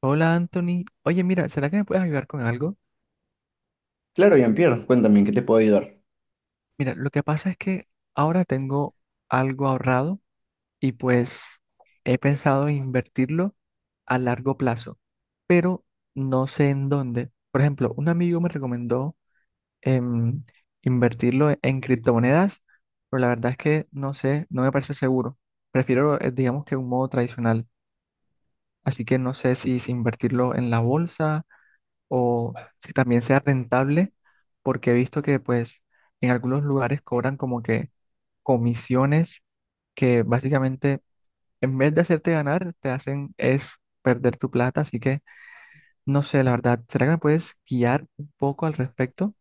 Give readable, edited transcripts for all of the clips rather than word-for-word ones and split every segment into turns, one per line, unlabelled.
Hola Anthony, oye mira, ¿será que me puedes ayudar con algo?
Claro, Jean-Pierre, cuéntame, ¿en qué te puedo ayudar?
Mira, lo que pasa es que ahora tengo algo ahorrado y pues he pensado en invertirlo a largo plazo, pero no sé en dónde. Por ejemplo, un amigo me recomendó em, invertirlo en criptomonedas, pero la verdad es que no sé, no me parece seguro. Prefiero, digamos que un modo tradicional, así que no sé si invertirlo en la bolsa o si también sea rentable, porque he visto que pues en algunos lugares cobran como que comisiones que básicamente en vez de hacerte ganar, te hacen es perder tu plata, así que no sé, la verdad, ¿será que me puedes guiar un poco al respecto?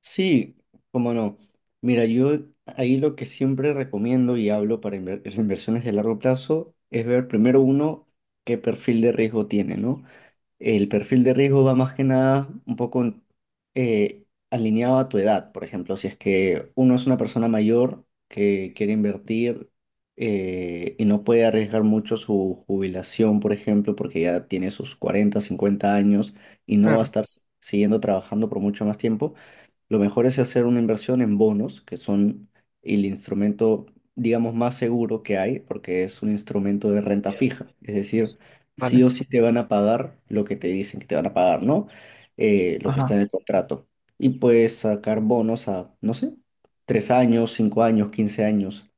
Sí, cómo no. Mira, yo ahí lo que siempre recomiendo y hablo para las inversiones de largo plazo es ver primero uno qué perfil de riesgo tiene, ¿no? El perfil de riesgo va más que nada un poco alineado a tu edad. Por ejemplo, si es que uno es una persona mayor que quiere invertir y no puede arriesgar mucho su jubilación, por ejemplo, porque ya tiene sus 40, 50 años y no va a
Claro,
estar siguiendo trabajando por mucho más tiempo, lo mejor es hacer una inversión en bonos, que son el instrumento, digamos, más seguro que hay, porque es un instrumento de renta fija. Es decir, sí
vale,
o sí te van a pagar lo que te dicen que te van a pagar, ¿no? Lo que está
ajá,
en el contrato. Y puedes sacar bonos a, no sé, 3 años, 5 años, 15 años.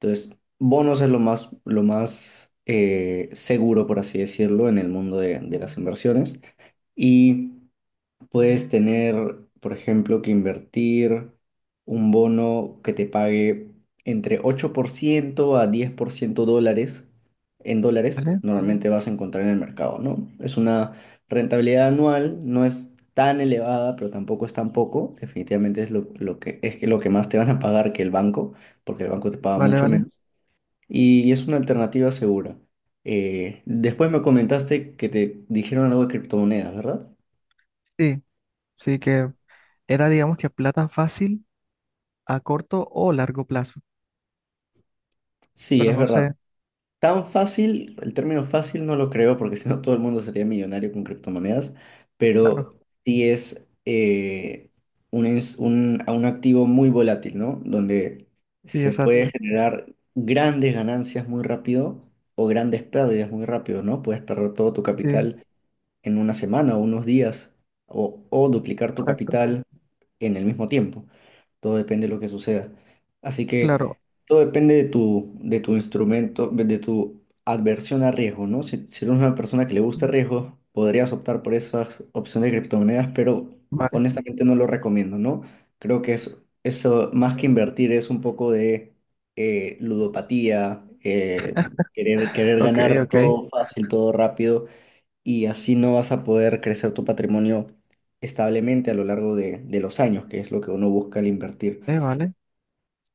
Entonces, bonos es lo más seguro, por así decirlo, en el mundo de las inversiones. Y Puedes tener, por ejemplo, que invertir un bono que te pague entre 8% a 10% dólares en dólares.
vale,
Normalmente vas a encontrar en el mercado, ¿no? Es una rentabilidad anual, no es tan elevada, pero tampoco es tan poco. Definitivamente es es que lo que más te van a pagar que el banco, porque el banco te paga
vale,
mucho
vale.
menos. Y es una alternativa segura. Después me comentaste que te dijeron algo de criptomonedas, ¿verdad?
Sí, sí que era digamos que plata fácil a corto o largo plazo,
Sí,
pero
es
no
verdad.
sé,
Tan fácil, el término fácil no lo creo porque si no todo el mundo sería millonario con criptomonedas,
claro,
pero sí es un, ins- un- a un activo muy volátil, ¿no? Donde
sí,
se puede
exacto,
generar grandes ganancias muy rápido o grandes pérdidas muy rápido, ¿no? Puedes perder todo tu
sí,
capital en una semana o unos días o, duplicar tu
exacto,
capital en el mismo tiempo. Todo depende de lo que suceda. Así
claro.
que todo depende de tu instrumento, de tu adversión a riesgo, ¿no? Si eres una persona que le gusta el riesgo, podrías optar por esas opciones de criptomonedas, pero honestamente no lo recomiendo, ¿no? Creo que eso, más que invertir, es un poco de ludopatía, querer
Ok,
ganar
ok.
todo fácil, todo rápido, y así no vas a poder crecer tu patrimonio establemente a lo largo de los años, que es lo que uno busca al invertir.
Vale.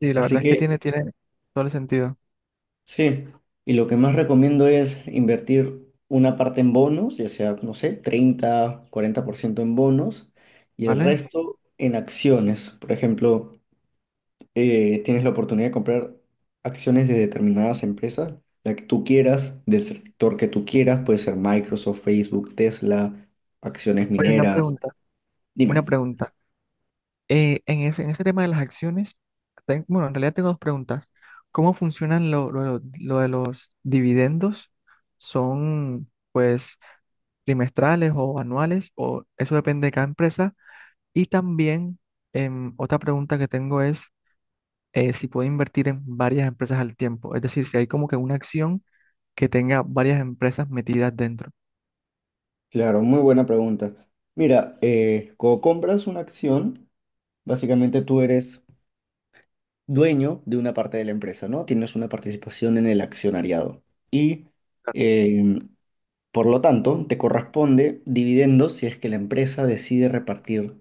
Sí, la
Así
verdad es que tiene,
que
tiene todo el sentido.
sí, y lo que más recomiendo es invertir una parte en bonos, ya sea, no sé, 30 40% en bonos y el
¿Vale?
resto en acciones. Por ejemplo, tienes la oportunidad de comprar acciones de determinadas empresas, la que tú quieras, del sector que tú quieras, puede ser Microsoft, Facebook, Tesla, acciones
Oye, una
mineras.
pregunta. Una
Dime.
pregunta. En ese tema de las acciones, bueno, en realidad tengo dos preguntas. ¿Cómo funcionan lo de los dividendos? ¿Son, pues, trimestrales o anuales? ¿O eso depende de cada empresa? Y también, otra pregunta que tengo es si puedo invertir en varias empresas al tiempo. Es decir, si hay como que una acción que tenga varias empresas metidas dentro.
Claro, muy buena pregunta. Mira, cuando compras una acción, básicamente tú eres dueño de una parte de la empresa, ¿no? Tienes una participación en el accionariado. Y eh, por lo tanto, te corresponde dividendos si es que la empresa decide repartir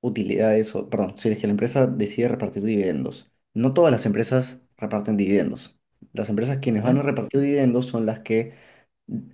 utilidades, o, perdón, si es que la empresa decide repartir dividendos. No todas las empresas reparten dividendos. Las empresas quienes
¿Eh?
van a repartir dividendos son las que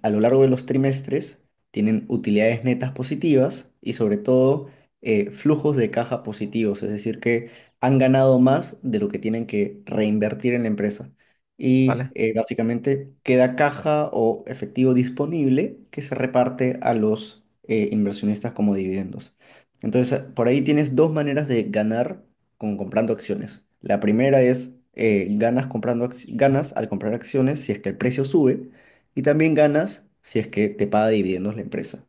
a lo largo de los trimestres tienen utilidades netas positivas y sobre todo flujos de caja positivos, es decir, que han ganado más de lo que tienen que reinvertir en la empresa. Y
Vale,
básicamente queda caja o efectivo disponible que se reparte a los inversionistas como dividendos. Entonces, por ahí tienes dos maneras de ganar con comprando acciones. La primera es ganas al comprar acciones si es que el precio sube. Y también ganas si es que te paga dividendos la empresa.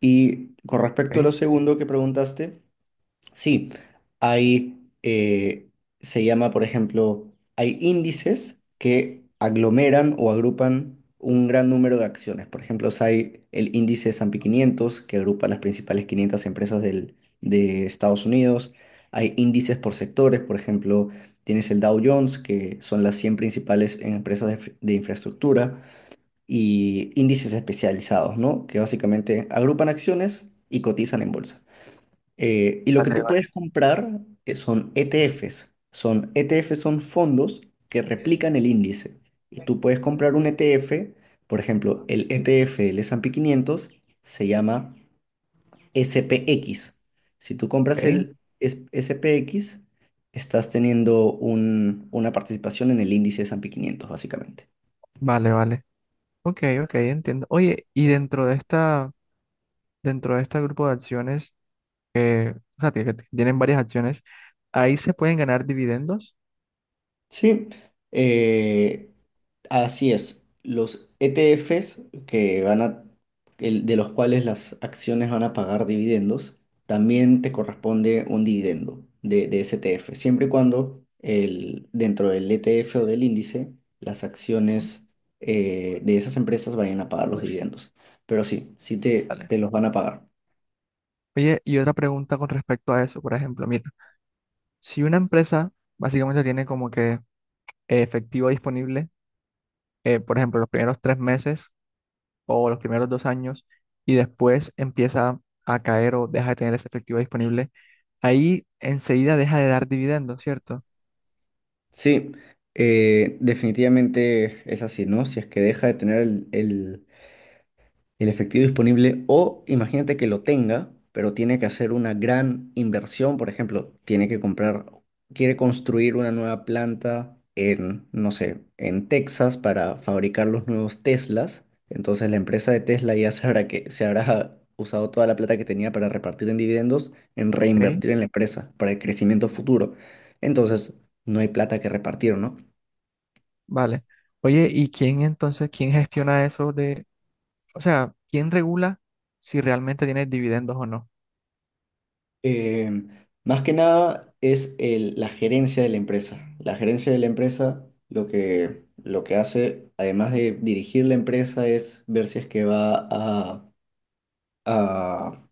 Y con respecto a
ok,
lo segundo que preguntaste, sí, hay, se llama, por ejemplo, hay índices que aglomeran o agrupan un gran número de acciones. Por ejemplo, si hay el índice S&P 500 que agrupa las principales 500 empresas de Estados Unidos. Hay índices por sectores, por ejemplo, tienes el Dow Jones, que son las 100 principales en empresas de, de infraestructura y índices especializados, ¿no? Que básicamente agrupan acciones y cotizan en bolsa. Y lo que
vale,
tú
vale,
puedes comprar son ETFs. Son fondos que replican el índice. Y tú puedes comprar un ETF, por ejemplo, el ETF del S&P 500 se llama SPX. Si tú compras
ok,
el SPX, estás teniendo una participación en el índice S&P 500, básicamente.
vale, vale. Ok, ok, entiendo. Oye, y dentro de esta, dentro de este grupo de acciones, que, o sea, que tienen varias acciones, ¿ahí se pueden ganar dividendos?
Sí, eh, así es. Los ETFs que van a, de los cuales las acciones van a pagar dividendos, también te corresponde un dividendo de ese ETF, siempre y cuando el, dentro del ETF o del índice, las acciones de esas empresas vayan a pagar los dividendos. Pero sí, sí te,
Vale.
te los van a pagar.
Oye, y otra pregunta con respecto a eso, por ejemplo, mira, si una empresa básicamente tiene como que efectivo disponible, por ejemplo, los primeros tres meses, o los primeros dos años y después empieza a caer o deja de tener esa efectivo disponible, ahí enseguida deja de dar dividendos, ¿cierto?
Sí, definitivamente es así, ¿no? Si es que deja de tener el efectivo disponible o imagínate que lo tenga, pero tiene que hacer una gran inversión, por ejemplo, tiene que comprar, quiere construir una nueva planta en, no sé, en Texas para fabricar los nuevos Teslas, entonces la empresa de Tesla ya sabrá que se habrá usado toda la plata que tenía para repartir en dividendos en
Ok.
reinvertir en la empresa para el crecimiento futuro. Entonces, no hay plata que repartir, ¿no?
Vale. Oye, ¿y quién entonces, quién gestiona eso de, o sea, quién regula si realmente tiene dividendos o no?
Eh, Más que nada es la gerencia de la empresa. La gerencia de la empresa lo que hace, además de dirigir la empresa, es ver si es que va a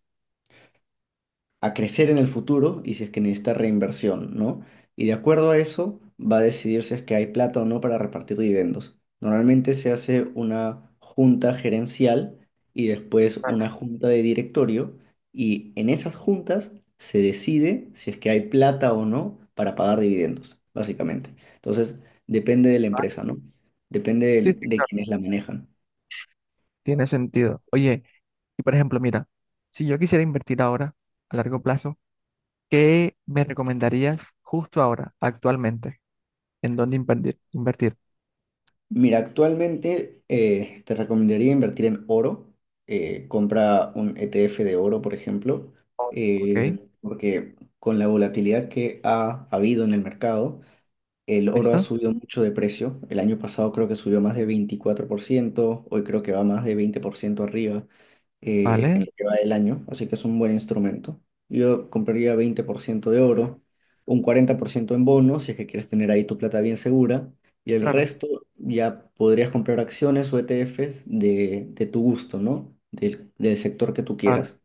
a crecer en el futuro y si es que necesita reinversión, ¿no? Y de acuerdo a eso va a decidir si es que hay plata o no para repartir dividendos. Normalmente se hace una junta gerencial y después una junta de directorio y en esas juntas se decide si es que hay plata o no para pagar dividendos, básicamente. Entonces, depende de la
Ah,
empresa, ¿no? Depende de
sí, sí,
de,
claro.
quienes la manejan.
Tiene sentido. Oye, y por ejemplo, mira, si yo quisiera invertir ahora, a largo plazo, ¿qué me recomendarías justo ahora, actualmente? ¿En dónde invertir? Invertir.
Mira, actualmente te recomendaría invertir en oro. Compra un ETF de oro, por ejemplo,
¿Ok?
porque con la volatilidad que ha habido en el mercado, el oro ha
¿Listo?
subido mucho de precio. El año pasado creo que subió más de 24%, hoy creo que va más de 20% arriba en
Vale,
lo que va del año, así que es un buen instrumento. Yo compraría 20% de oro, un 40% en bonos, si es que quieres tener ahí tu plata bien segura, y el
claro.
resto ya podrías comprar acciones o ETFs de tu gusto, ¿no? Del sector que tú
Vale,
quieras.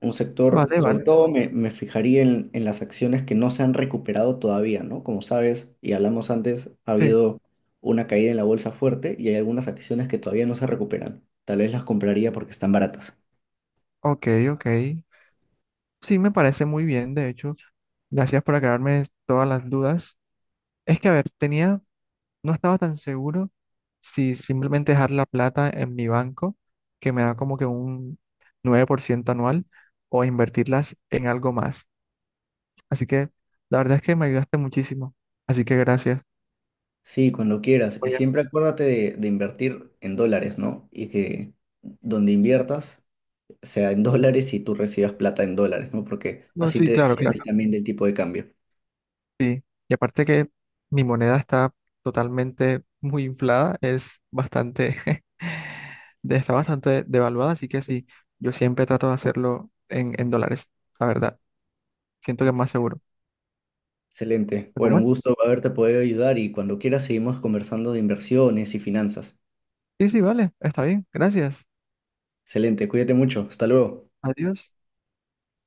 Un sector,
vale,
sobre
vale.
todo me fijaría en las acciones que no se han recuperado todavía, ¿no? Como sabes, y hablamos antes, ha
Sí,
habido una caída en la bolsa fuerte y hay algunas acciones que todavía no se recuperan. Tal vez las compraría porque están baratas.
ok, ok. Sí, me parece muy bien, de hecho. Gracias por aclararme todas las dudas. Es que, a ver, tenía, no estaba tan seguro si simplemente dejar la plata en mi banco, que me da como que un 9% anual, o invertirlas en algo más. Así que, la verdad es que me ayudaste muchísimo. Así que gracias.
Sí, cuando quieras. Y
Oye,
siempre acuérdate de invertir en dólares, ¿no? Y que donde inviertas sea en dólares y tú recibas plata en dólares, ¿no? Porque
no,
así
sí,
te
claro,
defiendes
claro.
también del tipo de cambio.
Sí, y aparte que mi moneda está totalmente muy inflada, es bastante, de- está bastante devaluada, así que sí, yo siempre trato de hacerlo en dólares, la verdad. Siento que es más
Excelente.
seguro.
Excelente.
Pero
Bueno, un
bueno,
gusto haberte podido ayudar y cuando quieras seguimos conversando de inversiones y finanzas.
sí, sí, vale, está bien, gracias.
Excelente. Cuídate mucho. Hasta luego.
Adiós.